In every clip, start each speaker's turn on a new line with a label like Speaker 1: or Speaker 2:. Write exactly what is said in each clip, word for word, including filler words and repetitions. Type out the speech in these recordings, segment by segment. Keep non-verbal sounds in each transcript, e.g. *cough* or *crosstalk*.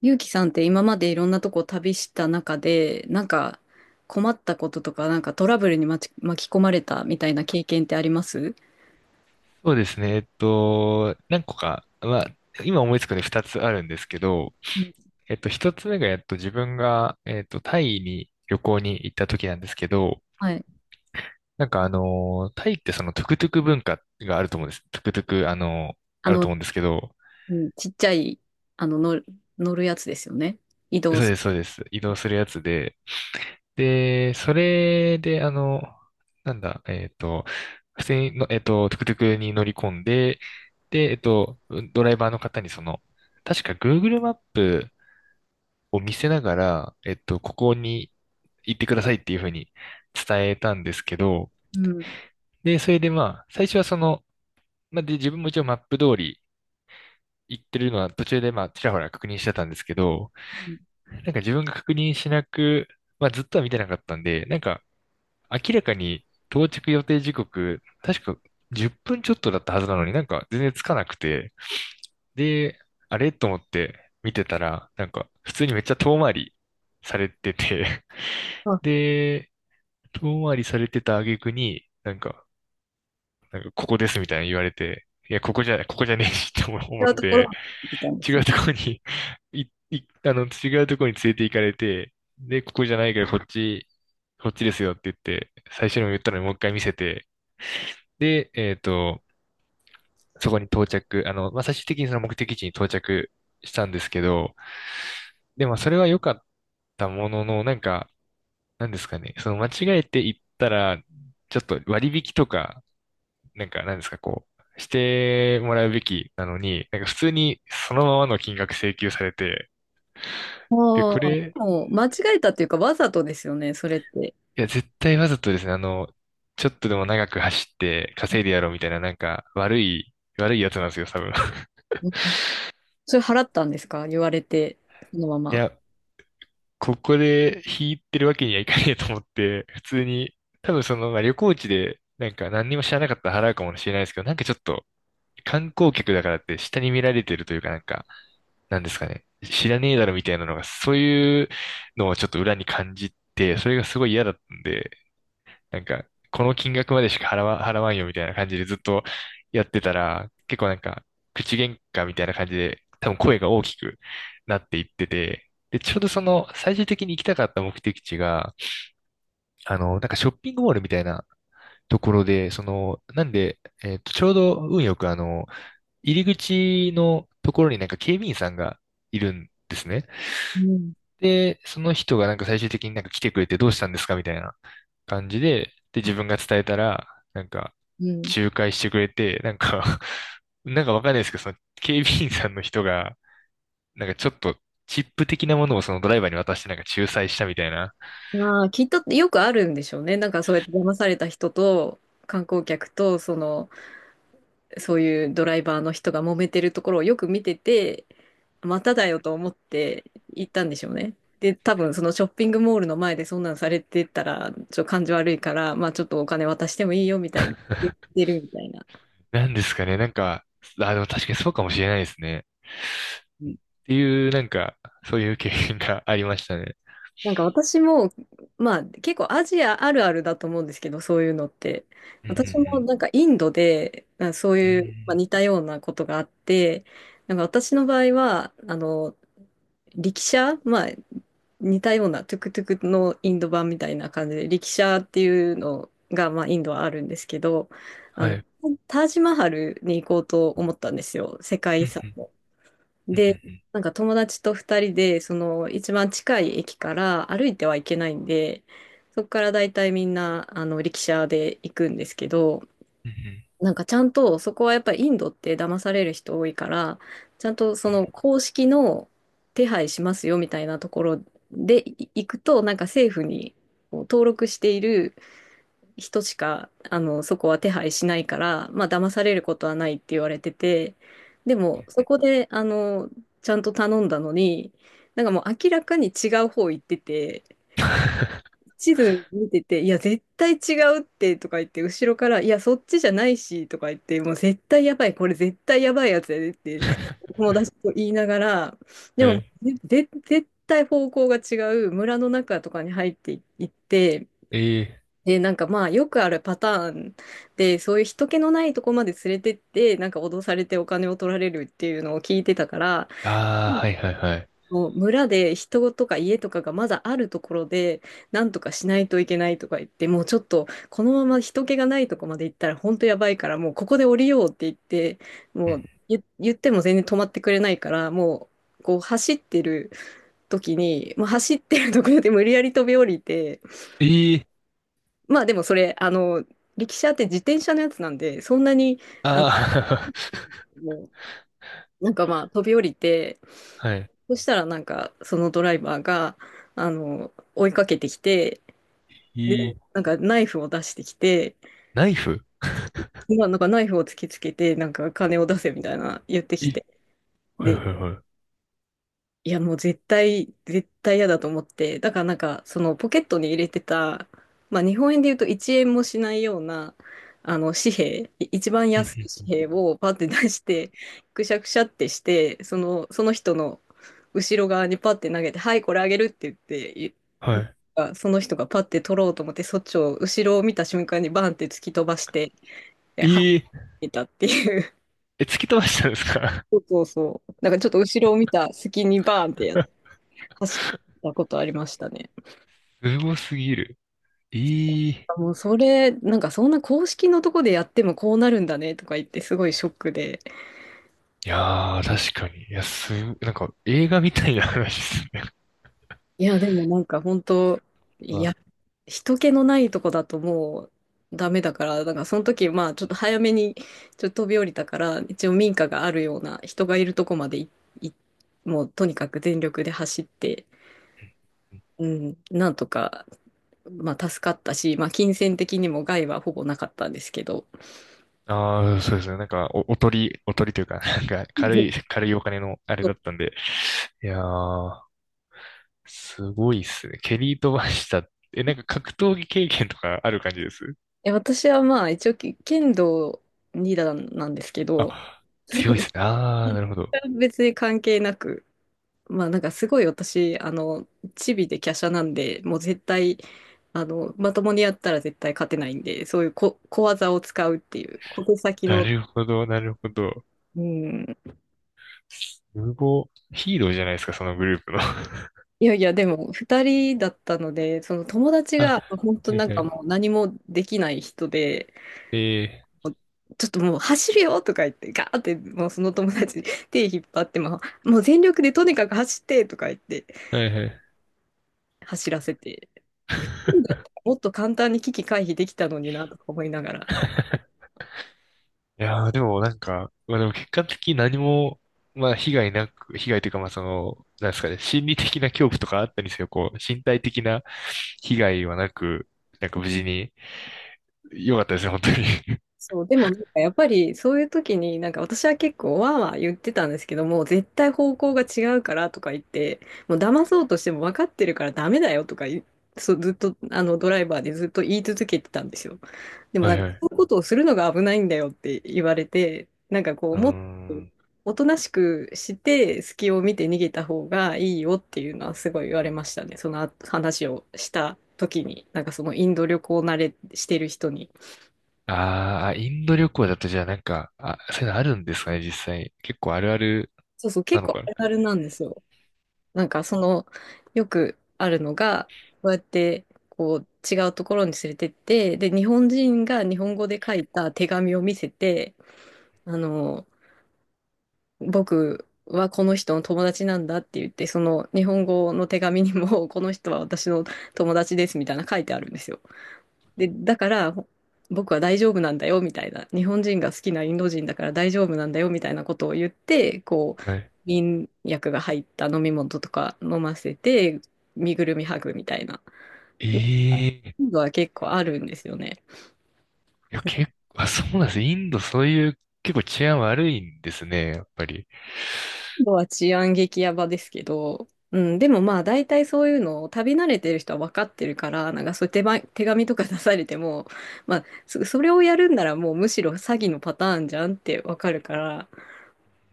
Speaker 1: ゆうきさんって今までいろんなとこ旅した中で、なんか困ったこととか、なんかトラブルに巻き、巻き込まれたみたいな経験ってあります？
Speaker 2: そうですね。えっと、何個か、まあ、今思いつくのでふたつあるんですけど、
Speaker 1: うん。
Speaker 2: えっと、ひとつめが、えっと、自分が、えっと、タイに旅行に行った時なんですけど、
Speaker 1: はい。
Speaker 2: なんかあの、タイってそのトゥクトゥク文化があると思うんです。トゥクトゥク、あの、
Speaker 1: あ
Speaker 2: ある
Speaker 1: の、
Speaker 2: と思うんですけど、
Speaker 1: うん、ちっちゃい、あの、乗る、乗るやつですよね。移動
Speaker 2: そう
Speaker 1: す
Speaker 2: で
Speaker 1: る。
Speaker 2: す、そうです。移動するやつで、で、それで、あの、なんだ、えっと、普通にの、えっと、トゥクトゥクに乗り込んで、で、えっと、ドライバーの方にその、確か Google マップを見せながら、えっと、ここに行ってくださいっていうふうに伝えたんですけど、
Speaker 1: うん
Speaker 2: で、それでまあ、最初はその、まあ、で、自分も一応マップ通り行ってるのは途中でまあ、ちらほら確認してたんですけど、
Speaker 1: うん。
Speaker 2: なんか自分が確認しなく、まあ、ずっとは見てなかったんで、なんか明らかに到着予定時刻、確かじゅっぷんちょっとだったはずなのになんか全然つかなくて、で、あれと思って見てたら、なんか普通にめっちゃ遠回りされてて、*laughs*
Speaker 1: あ、
Speaker 2: で、遠回りされてた挙句に、なんか、なんかここですみたいに言われて、いや、ここじゃない、ここじゃねえしって思思っ
Speaker 1: 違うところ
Speaker 2: て、
Speaker 1: に行ってたんで
Speaker 2: 違
Speaker 1: すね。
Speaker 2: うところにい、い、あの、違うところに連れて行かれて、で、ここじゃないからこっち、こっちですよって言って、最初にも言ったのにもう一回見せて、で、えっと、そこに到着、あの、まあ、最終的にその目的地に到着したんですけど、でもそれは良かったものの、なんか、なんですかね、その間違えて行ったら、ちょっと割引とか、なんか、なんですか、こう、してもらうべきなのに、なんか普通にそのままの金額請求されて、
Speaker 1: ああ。
Speaker 2: で、これ、
Speaker 1: もう間違えたっていうか、わざとですよね、それって。
Speaker 2: いや、絶対わざとですね、あの、ちょっとでも長く走って稼いでやろうみたいな、なんか、悪い、悪いやつなんですよ、多分。*laughs*
Speaker 1: うん。それ払ったんですか？言われて、そのま
Speaker 2: い
Speaker 1: ま。
Speaker 2: や、ここで引いてるわけにはいかねえと思って、普通に、多分その、まあ、旅行地で、なんか何にも知らなかったら払うかもしれないですけど、なんかちょっと、観光客だからって下に見られてるというかなんか、なんですかね、知らねえだろみたいなのが、そういうのをちょっと裏に感じて、それがすごい嫌だったんで、なんか、この金額までしか払わ、払わんよみたいな感じでずっとやってたら、結構なんか、口喧嘩みたいな感じで、多分声が大きくなっていってて、で、ちょうどその、最終的に行きたかった目的地が、あの、なんかショッピングモールみたいなところで、その、なんで、えっと、ちょうど運よくあの、入り口のところになんか警備員さんがいるんですね。
Speaker 1: うん。
Speaker 2: で、その人がなんか最終的になんか来てくれてどうしたんですかみたいな感じで、で、
Speaker 1: あ、
Speaker 2: 自分が伝えたら、なんか、
Speaker 1: うん。
Speaker 2: 仲介してくれて、なんか *laughs* なんかわかんないですけど、その警備員さんの人が、なんかちょっとチップ的なものをそのドライバーに渡してなんか仲裁したみたいな。
Speaker 1: まあ、きっとよくあるんでしょうね。なんかそうやって騙された人と観光客と、その、そういうドライバーの人が揉めてるところをよく見てて、まただよと思って行ったんでしょうね。で、多分そのショッピングモールの前でそんなんされてたら、ちょっと感じ悪いから、まあちょっとお金渡してもいいよみたいに言っ
Speaker 2: *laughs*
Speaker 1: てるみたいな。
Speaker 2: なんですかね、なんか、あ、でも確かにそうかもしれないですね。っていう、なんか、そういう経験がありましたね。
Speaker 1: なんか私も、まあ結構アジアあるあるだと思うんですけど、そういうのって。
Speaker 2: うんう
Speaker 1: 私も
Speaker 2: ん
Speaker 1: なんかインドで、あ、そう
Speaker 2: う
Speaker 1: いう、まあ、
Speaker 2: ん。
Speaker 1: 似たようなことがあって、なんか私の場合は、あの、力車、まあ似たようなトゥクトゥクのインド版みたいな感じで、力車っていうのが、まあインドはあるんですけど、
Speaker 2: う
Speaker 1: あ
Speaker 2: ん、は
Speaker 1: の、
Speaker 2: い。
Speaker 1: タージマハルに行こうと思ったんですよ。世界
Speaker 2: う
Speaker 1: 遺
Speaker 2: んう
Speaker 1: 産。
Speaker 2: んうんう
Speaker 1: で、
Speaker 2: んうん
Speaker 1: なんか友達と二人で、その一番近い駅から歩いてはいけないんで、そこからだいたいみんな、あの、力車で行くんですけど、
Speaker 2: うん
Speaker 1: なんかちゃんと、そこはやっぱりインドって騙される人多いから、ちゃんとその公式の手配しますよみたいなところでい行くと、なんか政府にこう登録している人しか、あの、そこは手配しないから、まあ、騙されることはないって言われてて、でも、そこで、あの、ちゃんと頼んだのに、なんかもう明らかに違う方行ってて、地図見てて、いや、絶対違うってとか言って、後ろから、いや、そっちじゃないしとか言って、もう絶対やばい、これ絶対やばいやつやでっ
Speaker 2: う
Speaker 1: て、
Speaker 2: ん。 *laughs*
Speaker 1: 友達と言いながら、で
Speaker 2: は
Speaker 1: も、
Speaker 2: い。
Speaker 1: ぜぜ絶対方向が違う村の中とかに入っていって、
Speaker 2: ええ。
Speaker 1: で、なんかまあよくあるパターンで、そういう人気のないとこまで連れてって、なんか脅されてお金を取られるっていうのを聞いてたから、
Speaker 2: ああ、はいはいはい。
Speaker 1: もう村で人とか家とかがまだあるところで、なんとかしないといけないとか言って、もうちょっとこのまま人気がないとこまで行ったら本当やばいから、もうここで降りようって言って、
Speaker 2: う
Speaker 1: もう
Speaker 2: ん。
Speaker 1: 言、言っても全然止まってくれないから、もうこう走ってる時に、もう走ってるところで無理やり飛び降りて、
Speaker 2: ええ、
Speaker 1: まあでもそれ、あの、力車って自転車のやつなんで、そんなに、
Speaker 2: あ
Speaker 1: もうなんかまあ飛び降りて、
Speaker 2: あ、*laughs* はい。
Speaker 1: そしたらなんかそのドライバーが、あの、追いかけてきて、
Speaker 2: え
Speaker 1: で、
Speaker 2: え、
Speaker 1: なんかナイフを出してきて、
Speaker 2: ナイフ。
Speaker 1: まあなんかナイフを突きつけて、なんか金を出せみたいな言ってき
Speaker 2: え、
Speaker 1: て、
Speaker 2: はい
Speaker 1: で、
Speaker 2: はいはい。
Speaker 1: いや、もう絶対、絶対嫌だと思って。だからなんか、そのポケットに入れてた、まあ日本円で言うといちえんもしないような、あの紙幣、い一番
Speaker 2: う
Speaker 1: 安
Speaker 2: ん
Speaker 1: い
Speaker 2: うん。
Speaker 1: 紙幣をパって出して、くしゃくしゃってして、その、その人の後ろ側にパって投げて、はい、これあげるって言って、い
Speaker 2: はい。
Speaker 1: あその人がパって取ろうと思って、そっちを後ろを見た瞬間にバンって突き飛ばして、えはっ
Speaker 2: ええ、
Speaker 1: ていたっていう。*laughs*
Speaker 2: え、突き飛ばしたんですか？
Speaker 1: そうそうそう。なんかちょっと後ろを見た隙にバーンってやっ走って
Speaker 2: *laughs*
Speaker 1: たことありましたね。
Speaker 2: すごすぎる。ええ、
Speaker 1: もうそれ、なんかそんな公式のとこでやってもこうなるんだねとか言ってすごいショックで。
Speaker 2: いやー、確かに。いや、す、なんか映画みたいな話ですね。
Speaker 1: いや、でもなんか本当、
Speaker 2: *laughs*
Speaker 1: いや、
Speaker 2: ま
Speaker 1: 人気のないとこだともうダメだから、なんかその時、まあちょっと早めにちょっと飛び降りたから、一応民家があるような人がいるとこまでい、いもうとにかく全力で走って、うん、なんとか、まあ助かったし、まあ金銭的にも害はほぼなかったんですけど。
Speaker 2: あ。ああ、そうですね。なんか、お、おとり、おとりというか、*laughs* なんか、軽い、軽いお金のあれだったんで。いやー、すごいっすね。蹴り飛ばした。え、なんか格闘技経験とかある感じです？
Speaker 1: え、私はまあ一応け剣道に段なんですけど、
Speaker 2: あ、強いで
Speaker 1: *laughs*
Speaker 2: すね。ああ、なるほど。
Speaker 1: 別に関係なく、まあなんかすごい私、あの、チビで華奢なんで、もう絶対、あの、まともにやったら絶対勝てないんで、そういう小、小技を使うっていう、小手先
Speaker 2: な
Speaker 1: の、
Speaker 2: るほど、なるほど。
Speaker 1: うん。
Speaker 2: すごい。ヒーローじゃないですか、そのグループの。*laughs*
Speaker 1: いやいや、でもふたりだったので、その友達
Speaker 2: あ、
Speaker 1: が本当
Speaker 2: はい
Speaker 1: なん
Speaker 2: は
Speaker 1: か
Speaker 2: い。
Speaker 1: もう何もできない人で、
Speaker 2: え
Speaker 1: ちょっともう走るよとか言って、ガーってもうその友達に手引っ張っても、もう全力でとにかく走ってとか言って
Speaker 2: ー、はいはい。
Speaker 1: 走らせて、もう一人だった
Speaker 2: *laughs*
Speaker 1: らもっと簡単に危機回避できたのになとか思いながら、
Speaker 2: いやー、でもなんか、まあでも結果的に何も、まあ被害なく、被害というかまあその、なんですかね、心理的な恐怖とかあったりせよ、こう、身体的な被害はなく、なんか無事に、良かったですね、本当に。
Speaker 1: そう、でもなんかやっぱりそういう時になんか私は結構わーわー言ってたんですけども、絶対方向が違うからとか言って、もう騙そうとしても分かってるからダメだよとか言いそう、ずっとあのドライバーでずっと言い続けてたんですよ。
Speaker 2: *laughs*
Speaker 1: でも
Speaker 2: は
Speaker 1: なん
Speaker 2: い
Speaker 1: か
Speaker 2: はい。
Speaker 1: そ
Speaker 2: *laughs*
Speaker 1: ういうことをするのが危ないんだよって言われて、なんかこう
Speaker 2: うー
Speaker 1: もっと
Speaker 2: ん。
Speaker 1: おとなしくして隙を見て逃げた方がいいよっていうのはすごい言われましたね。その話をした時に、なんかそのインド旅行慣れしてる人に。
Speaker 2: ああ、インド旅行だとじゃあなんか、あ、そういうのあるんですかね、実際。結構あるある
Speaker 1: そうそう、
Speaker 2: な
Speaker 1: 結
Speaker 2: の
Speaker 1: 構
Speaker 2: か
Speaker 1: あ
Speaker 2: な。
Speaker 1: るあるなんですよ。なんかその、よくあるのが、こうやって、こう、違うところに連れてって、で、日本人が日本語で書いた手紙を見せて、あの、僕はこの人の友達なんだって言って、その日本語の手紙にも、この人は私の友達ですみたいな書いてあるんですよ。で、だからほ僕は大丈夫なんだよみたいな、日本人が好きなインド人だから大丈夫なんだよみたいなことを言って、こう、
Speaker 2: はい。
Speaker 1: 眠薬が入った飲み物とか飲ませて、身ぐるみ剥ぐみたいな
Speaker 2: ええ。
Speaker 1: インドは結構あるんですよね。
Speaker 2: いや、結構、あ、そうなんです。インドそういう結構治安悪いんですね、やっぱり。
Speaker 1: インドは治安激ヤバですけど、うん、でもまあ大体そういうのを旅慣れてる人は分かってるから、なんかそういう手前、手紙とか出されても、まあそ、それをやるんならもうむしろ詐欺のパターンじゃんって分かるから、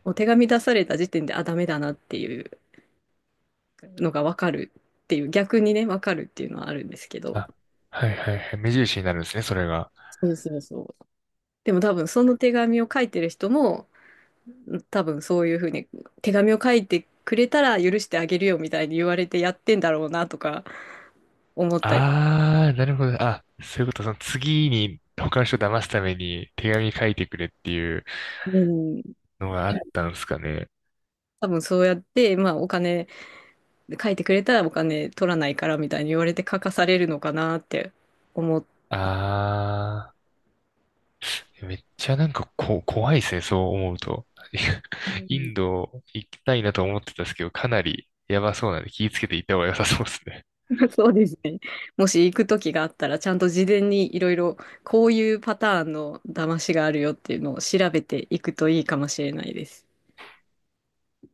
Speaker 1: お手紙出された時点で、あ、ダメだなっていうのがわかるっていう、逆にね、わかるっていうのはあるんですけど、
Speaker 2: あ、はいはいはい。目印になるんですね、それが。
Speaker 1: そうそうそう。でも多分その手紙を書いてる人も、多分そういうふうに手紙を書いてくれたら許してあげるよみたいに言われてやってんだろうなとか思ったり、
Speaker 2: ああ、なるほど。あ、そういうこと、その次に他の人を騙すために手紙書いてくれっていう
Speaker 1: うん。
Speaker 2: のがあったんですかね。
Speaker 1: 多分そうやって、まあお金、書いてくれたらお金取らないからみたいに言われて書かされるのかなって思っ
Speaker 2: ああ。めっちゃなんかこ、怖いですね、そう思うと。*laughs* イ
Speaker 1: う
Speaker 2: ンド行きたいなと思ってたんですけど、かなりやばそうなんで気をつけて行った方が良さそうですね。
Speaker 1: *laughs* そうですね。もし行く時があったら、ちゃんと事前にいろいろこういうパターンの騙しがあるよっていうのを調べていくといいかもしれないです。